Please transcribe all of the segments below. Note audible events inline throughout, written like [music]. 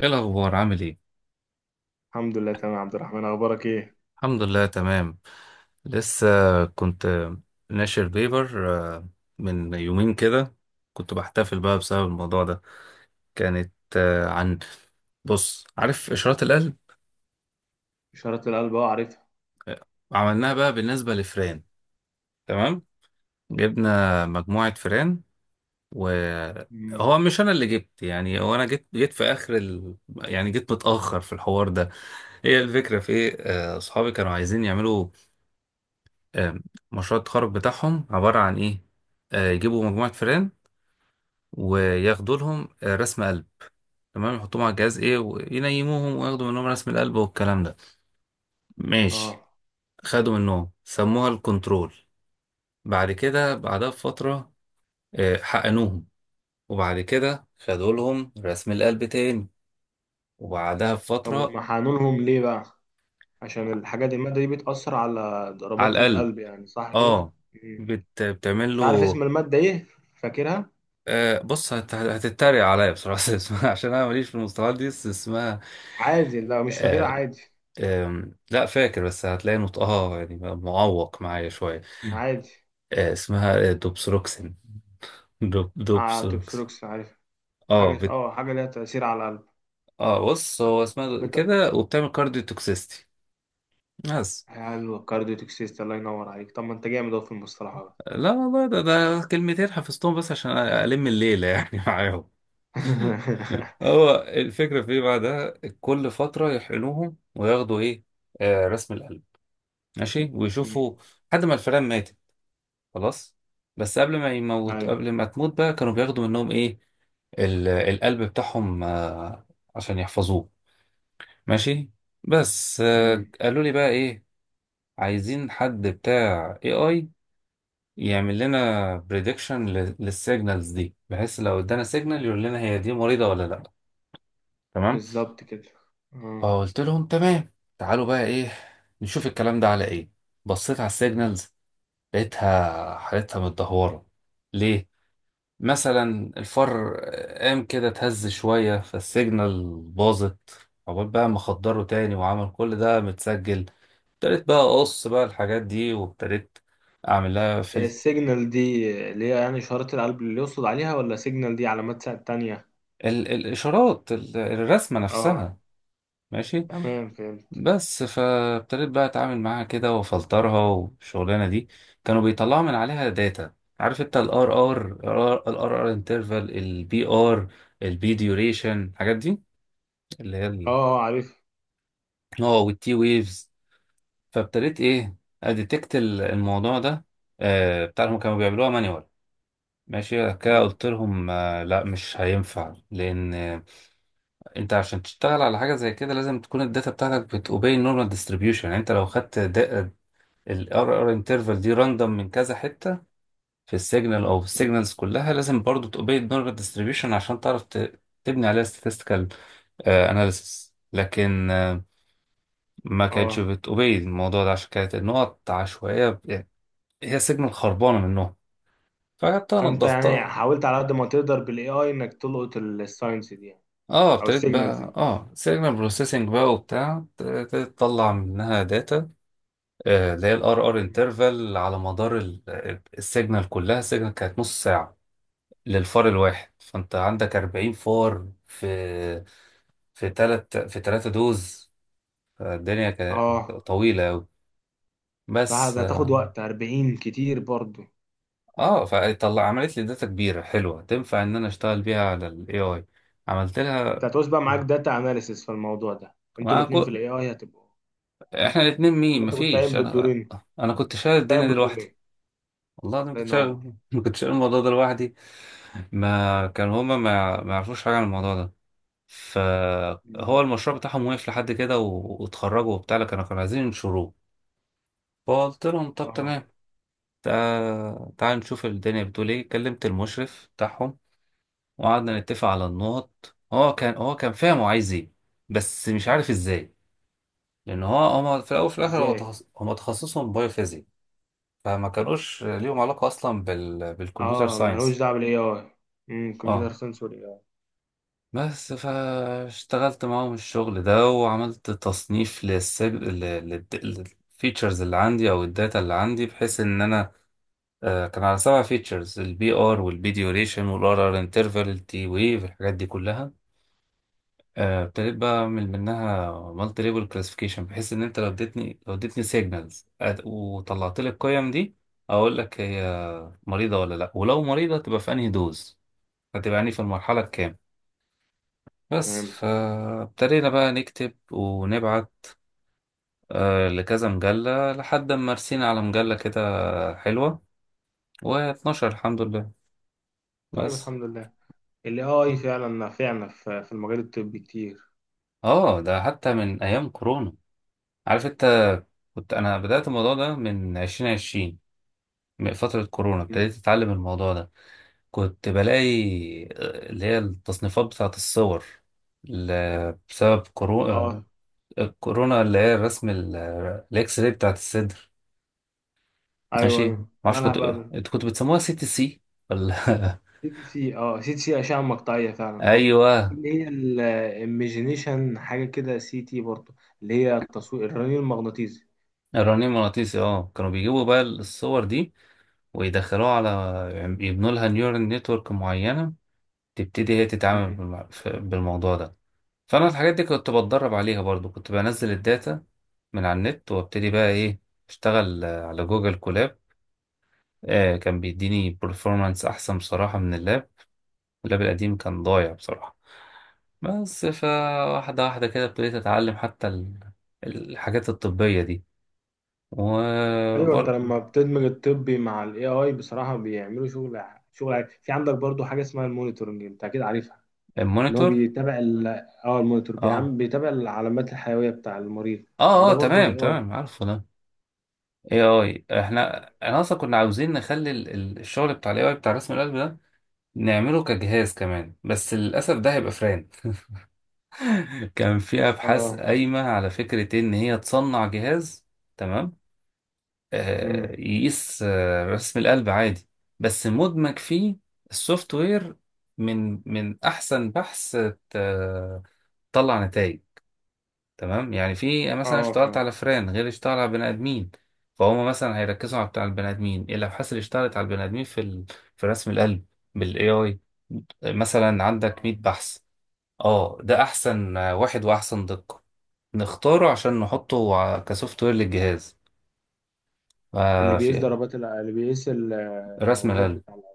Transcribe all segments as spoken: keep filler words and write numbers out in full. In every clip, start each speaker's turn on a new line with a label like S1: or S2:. S1: ايه الاخبار عامل ايه؟
S2: الحمد لله تمام يا عبد الرحمن اخبارك ايه؟
S1: الحمد لله تمام. لسه كنت ناشر بيبر آه، من يومين كده، كنت بحتفل بقى بسبب الموضوع ده. كانت آه، عن، بص عارف اشارات القلب؟
S2: اشارة القلب، اه عارفها.
S1: آه، عملناها بقى بالنسبه لفئران. تمام، جبنا مجموعه فئران،
S2: امم،
S1: وهو مش انا اللي جبت، يعني هو انا جيت جيت في اخر ال... يعني جيت متاخر في الحوار ده. هي الفكره في ايه؟ آه، اصحابي كانوا عايزين يعملوا آه، مشروع التخرج بتاعهم عبارة عن إيه؟ آه، يجيبوا مجموعة فئران وياخدوا لهم آه، رسم قلب. تمام، يحطوهم على الجهاز إيه وينيموهم وياخدوا منهم رسم القلب والكلام ده.
S2: اه.
S1: ماشي، خدوا منهم سموها الكنترول. بعد كده، بعدها بفترة، آه، حقنوهم، وبعد كده خدوا لهم رسم القلب تاني، وبعدها
S2: طب
S1: بفترة
S2: هم حقنونهم ليه بقى؟ عشان الحاجات دي، المادة دي بتأثر على
S1: على
S2: ضربات
S1: القلب.
S2: القلب، يعني صح كده؟
S1: اه
S2: مم.
S1: بت... بتعمل
S2: مش عارف
S1: له.
S2: اسم المادة ايه، فاكرها؟
S1: آه بص، هت... هتتريق عليا بصراحة. [laughs] اسمها، عشان أنا ماليش في المصطلحات دي، بس اسمها
S2: عادي، لا مش فاكرها،
S1: آه،
S2: عادي
S1: أم، لا فاكر، بس هتلاقي نطقها يعني معوق معايا شوية.
S2: عادي.
S1: أه، اسمها آه، دوبسروكسين، دوب
S2: اه
S1: دوبسروكس
S2: تبستروكس، عارف
S1: اه
S2: حاجة،
S1: بت...
S2: اه حاجة ليها تأثير على القلب.
S1: اه بص، هو اسمها د-
S2: بت...
S1: كده، وبتعمل كارديو توكسيستي بس.
S2: حلو الكارديو توكسيست، الله ينور عليك. طب ما انت جامد اهو في المصطلحات.
S1: لا والله، ده ده كلمتين حفظتهم بس عشان ألم الليلة يعني [laughs] معاهم.
S2: [laughs]
S1: هو الفكرة في ايه بعدها؟ كل فترة يحقنوهم وياخدوا ايه؟ آه رسم القلب. ماشي،
S2: مم.
S1: ويشوفوا لحد ما الفئران ماتت. خلاص. بس قبل ما يموت،
S2: ايوه.
S1: قبل ما تموت بقى، كانوا بياخدوا منهم ايه؟ ال- القلب بتاعهم آه، عشان يحفظوه. ماشي. بس آه،
S2: مم.
S1: قالوا لي بقى ايه؟ عايزين حد بتاع اي اي يعمل لنا بريدكشن للسيجنالز دي، بحيث لو ادانا سيجنال يقول لنا هي دي مريضة ولا لا. تمام.
S2: بالظبط كده، اه.
S1: فقلت لهم تمام، تعالوا بقى ايه نشوف الكلام ده على ايه. بصيت على السيجنالز، لقيتها حالتها متدهورة. ليه؟ مثلا الفار قام كده اتهز شوية فالسيجنال باظت، عقبال بقى ما خدره تاني، وعمل كل ده متسجل. ابتديت بقى اقص بقى الحاجات دي، وابتديت اعمل لها فلت.
S2: السيجنال دي اللي هي يعني إشارة القلب اللي يقصد عليها، ولا سيجنال دي علامات سا- تانية؟
S1: ال الاشارات ال الرسمة
S2: اه
S1: نفسها. ماشي.
S2: تمام فهمت.
S1: بس فابتديت بقى اتعامل معاها كده وافلترها والشغلانة دي. كانوا بيطلعوا من عليها داتا، عارف انت؟ الار ار الار ار انترفال، البي ار، البي ديوريشن، الحاجات دي اللي
S2: اه
S1: هي،
S2: اه عارف.
S1: اه، والتي ويفز. فابتديت ايه، اديتكت ال- الموضوع ده. آه بتاعهم كانوا بيعملوها مانيوال. ماشي، بعد كده
S2: م-
S1: قلت لهم آه لا مش هينفع، لان آه انت عشان تشتغل على حاجه زي كده، لازم تكون الداتا بتاعتك بتوبي النورمال ديستريبيوشن. يعني انت لو خدت الار ار انترفال دي راندوم من كذا حته في السيجنال او في
S2: م-
S1: السيجنالز كلها، لازم برضو توبي النورمال ديستريبيوشن عشان تعرف ت- تبني عليها statistical آه analysis. لكن آه ما كانتش
S2: اه.
S1: بتوبي الموضوع ده، عشان كانت النقط عشوائية، ب- يعني هي السيجنال خربانة منهم. فجبتها
S2: فانت يعني
S1: نضفتها.
S2: حاولت على قد ما تقدر بالاي اي انك تلقط الساينس دي يعني،
S1: اه
S2: او
S1: ابتديت
S2: السيجنالز
S1: بقى
S2: دي.
S1: اه سيجنال بروسيسنج بقى وبتاع، ابتديت تطلع منها داتا آه، اللي هي الار ار
S2: م.
S1: انترفال على مدار السيجنال كلها. السيجنال كانت نص ساعة للفار الواحد، فانت عندك أربعين فار في في تلات، في تلاتة دوز. الدنيا كانت
S2: اه
S1: طويلة أوي،
S2: صح،
S1: بس
S2: ده هتاخد وقت، أربعين كتير برضو.
S1: اه فطلع، عملت لي داتا كبيره حلوه تنفع ان انا اشتغل بيها على الاي اي. عملت
S2: انت
S1: لها
S2: هتعوز بقى معاك داتا اناليسيس في الموضوع ده، انتوا
S1: ما
S2: الاتنين في
S1: كو...
S2: الاي اي هتبقوا،
S1: احنا الاثنين
S2: ولا
S1: مين؟
S2: انت كنت
S1: مفيش،
S2: قايم
S1: انا.
S2: بالدورين؟
S1: انا
S2: كنت
S1: كنت شايل الدنيا
S2: قايم
S1: دي لوحدي.
S2: بالدورين.
S1: والله انا
S2: الله
S1: كنت
S2: ينور.
S1: شايل [laughs] كنت شايل الموضوع ده لوحدي. ما كان هما ما, يع- ما يعرفوش حاجه عن الموضوع ده. فهو
S2: م.
S1: المشروع بتاعهم وقف لحد كده و... واتخرجوا وبتاع، لكن كانوا كانوا عايزين ينشروه. فقلت لهم طب
S2: اه.
S1: تمام، تع- تعال نشوف الدنيا بتقول ايه. كلمت المشرف بتاعهم، وقعدنا نتفق على النقط. هو كان هو كان فاهم هو عايز ايه، بس مش عارف ازاي. لان هو، هما في الاول وفي الاخر، هو
S2: ازاي؟
S1: تخص... هما تخصصهم بايوفيزيك، فما كانوش ليهم علاقه اصلا بال... بالكمبيوتر
S2: اه ملوش
S1: ساينس.
S2: دعوة بالاي اي. امم،
S1: اه
S2: كمبيوتر ساينس والاي اي.
S1: بس فاشتغلت معاهم الشغل ده، وعملت تصنيف للسب... لل... للفيتشرز اللي عندي، او الداتا اللي عندي، بحيث ان انا آه، كان على سبع فيتشرز: البي ار، والبي ديوريشن، والار ار انترفال، التي ويف، الحاجات دي كلها. آه، ابتديت بقى اعمل منها مالتي ليبل كلاسيفيكيشن، بحيث ان انت لو اديتني لو اديتني سيجنالز وطلعت لي القيم دي، اقول لك هي مريضه ولا لا، ولو مريضه تبقى في انهي دوز، هتبقى يعني في المرحله الكام. بس
S2: فهمت.
S1: فابتدينا بقى نكتب ونبعت آه، لكذا مجله لحد ما رسينا على مجله كده حلوه، و12، الحمد لله.
S2: طيب
S1: بس.
S2: الحمد لله. الاي اي فعلا نافعنا في في المجال الطبي كتير.
S1: اه ده حتى من ايام كورونا، عارف انت؟ كنت انا بدات الموضوع ده من عشرين، من فترة كورونا
S2: مم.
S1: ابتديت أتعلم الموضوع ده. كنت بلاقي آه، اللي هي التصنيفات بتاعة الصور، ل- بسبب كورو-
S2: اه.
S1: آه، كورونا، اللي هي الرسم ال- آه، الإكس راي بتاعة الصدر.
S2: ايوه
S1: ماشي،
S2: ايوه،
S1: معرفش،
S2: مالها
S1: كنت،
S2: بقى؟
S1: انتوا كنتوا بتسموها سي تي سي ولا [laughs]
S2: سي تي سي، اه سي تي سي اشعة مقطعية فعلا اه. وفي
S1: أيوه.
S2: اللي هي الايميجينيشن حاجة كده، سي تي برضه، اللي هي التصوير الرنين المغناطيسي.
S1: الرنين مغناطيسي، اه، كانوا بيجيبوا بقى الصور دي ويدخلوها على، يعني يبنوا لها نيورال نتورك معينة تبتدي هي تتعامل
S2: مم.
S1: بالمع- ف- بالموضوع ده. فانا الحاجات دي كنت بتدرب عليها برضو، كنت بنزل الداتا من على النت، وابتدي بقى ايه، اشتغل آه، على جوجل كولاب. آه كان بيديني performance احسن بصراحة من اللاب. اللاب القديم كان ضايع بصراحة. بس فواحدة واحدة كده ابتديت اتعلم حتى ال- الحاجات الطبية دي.
S2: ايوه، انت
S1: وبرضو
S2: لما بتدمج الطبي مع الاي اي بصراحة بيعملوا شغل، شغل عالي. في عندك برضه حاجة اسمها المونيتورنج، انت اكيد عارفها. اللي هو
S1: المونيتور،
S2: بيتابع ال اه المونيتور بيعمل،
S1: اه
S2: بيتابع العلامات الحيوية بتاع المريض. ما
S1: اه،
S2: ده
S1: اه
S2: برضه اي
S1: تمام
S2: اي.
S1: تمام، عارفه ده. اي اي. احنا، انا اصلا كنا عاوزين نخلي ال- ال- الشغل بتاع الاي اي بتاع رسم القلب ده نعمله كجهاز كمان، بس للاسف ده هيبقى فران. [laughs] كان في ابحاث
S2: اه،
S1: قايمه على فكره ان هي تصنع جهاز. تمام، آه
S2: امم،
S1: يقيس آه رسم القلب عادي، بس مدمج فيه السوفت وير. من من احسن بحث آه، طلع نتائج تمام. يعني في مثلا
S2: اه
S1: اشتغلت
S2: فعلا.
S1: على فئران، غير اشتغل على بني ادمين. فهم مثلا هيركزوا على بتاع البني ادمين، اللوحات اللي اشتغلت على البني ادمين في ال... في رسم القلب بالاي اي. مثلا عندك مية
S2: آه.
S1: بحث، اه ده احسن واحد واحسن دقة، نختاره عشان نحطه ع- كسوفت وير للجهاز
S2: اللي
S1: آه
S2: بيقيس
S1: في
S2: ضربات الع- اللي بيقيس ال-
S1: رسم
S2: الموجات
S1: القلب.
S2: بتاع الع-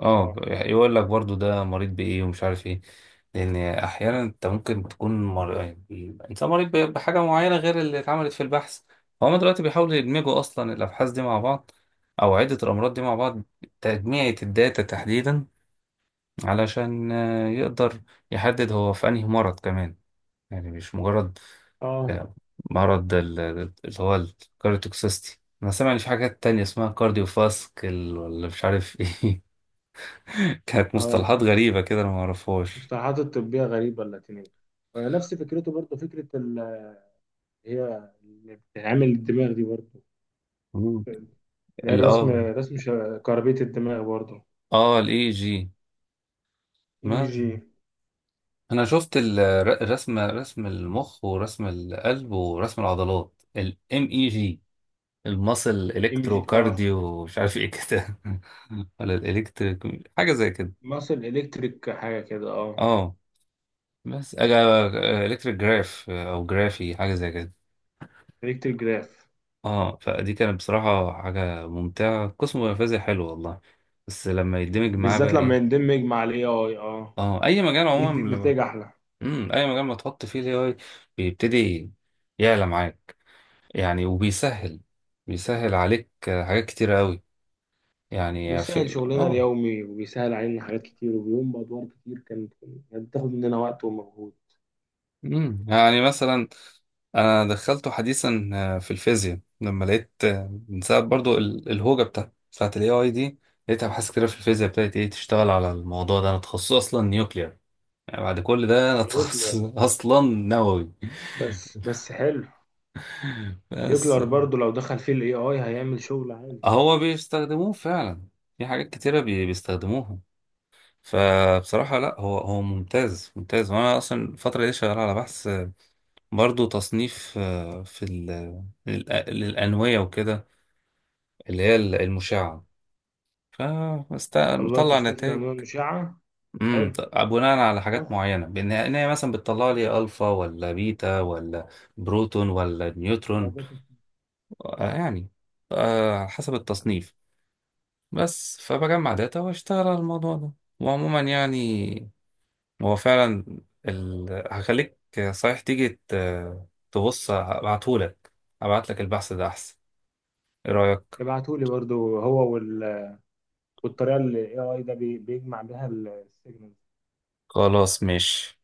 S1: اه
S2: اه.
S1: يقول لك برضو ده مريض بايه، ومش عارف ايه. لان احيانا انت ممكن تكون مر... يعني انسان مريض ب- بحاجه معينه غير اللي اتعملت في البحث. هما دلوقتي بيحاولوا يدمجوا اصلا الابحاث دي مع بعض، او عده الامراض دي مع بعض، تجميعة الداتا تحديدا، علشان آه، يقدر يحدد هو في انهي مرض كمان، يعني مش مجرد
S2: اه
S1: آه، مرض ال- اللي هو الكارديوتوكسيستي. انا سامع ان في حاجات تانية اسمها كارديوفاسكل ولا مش عارف [laughs] ايه. كانت
S2: اه.
S1: مصطلحات غريبة كده، أنا معرفهاش.
S2: المصطلحات الطبية غريبة، اللاتينية. ونفس فكرته برضه، فكرة ال- هي اللي بتعمل الدماغ دي برضه،
S1: مم.
S2: اللي هي
S1: ال
S2: الرسم
S1: اه
S2: رسم ش- كهربية الدماغ برضه.
S1: اه الاي جي.
S2: اي
S1: ما
S2: جي،
S1: انا شفت الرسم، رسم رسم المخ، ورسم القلب، ورسم العضلات الام اي جي، المصل
S2: ام جي.
S1: الكترو
S2: اه
S1: كارديو مش عارف ايه كده [laughs] ولا الالكتريك حاجه زي كده.
S2: ماسل الكتريك حاجة كده، اه
S1: اه بس الكتريك جراف او جرافي حاجه زي كده.
S2: الكتريك جراف.
S1: اه، فدي كانت بصراحه حاجه ممتعه، قسم نفاذي حلو والله. بس لما يدمج معاه
S2: بالذات
S1: بقى
S2: لما
S1: إيه،
S2: يندمج مع الاي اي اه،
S1: اه اي مجال
S2: يدي
S1: عموما لما،
S2: نتائج احلى.
S1: امم، اي مجال ما تحط فيه الاي اي بيبتدي يعلى معاك. يعني وبيسهل، بيسهل عليك آه، حاجات كتيرة قوي. يعني
S2: بيسهل
S1: في
S2: شغلنا
S1: اه،
S2: اليومي، وبيسهل علينا حاجات كتير، وبيقوم بادوار كتير كانت، كانت بتاخد مننا وقت ومجهود.
S1: امم، يعني مثلا انا دخلته حديثا آه، في الفيزياء، لما لقيت آه، من ساعة، برضو ال- الهوجة بتاعت بتاعت الاي اي دي، لقيت ابحاث كتيرة في الفيزياء ابتدت ايه تشتغل على الموضوع ده. انا تخصصي اصلا نيوكلير، يعني بعد كل ده انا [laughs] تخصص
S2: نيوكلير،
S1: اصلا نووي.
S2: بس بس حلو.
S1: [laughs] بس
S2: نيوكلير برضو لو دخل فيه الاي اي هيعمل شغل عالي.
S1: هو بيستخدموه فعلا في حاجات كتيرة، بي- بيستخدموها. فبصراحة لا، هو هو ممتاز ممتاز. وانا اصلا الفترة دي شغال على بحث برضو، تصنيف آه، في ال- للأ- للأنوية وكده، اللي هي المشعة،
S2: والله
S1: فمطلع
S2: تصنيف
S1: نتائج.
S2: الانواع المشعه،
S1: امم،
S2: حلو.
S1: بناء على حاجات
S2: سهل
S1: معينة، بان إن هي مثلا بتطلع لي الفا ولا بيتا ولا بروتون ولا نيوترون،
S2: الموضوع ده.
S1: آه، يعني آه، حسب التصنيف. بس فبجمع داتا واشتغل على الموضوع ده. وعموما يعني هو فعلا ال... هخليك، صحيح تيجي ت... تبص، ابعتهولك، ابعتلك البحث ده احسن. ايه رأيك؟
S2: ابعتولي برضو هو وال... والطريقه اللي الاي اي ده بي... بيجمع بيها السيجنالز
S1: خلاص ماشي.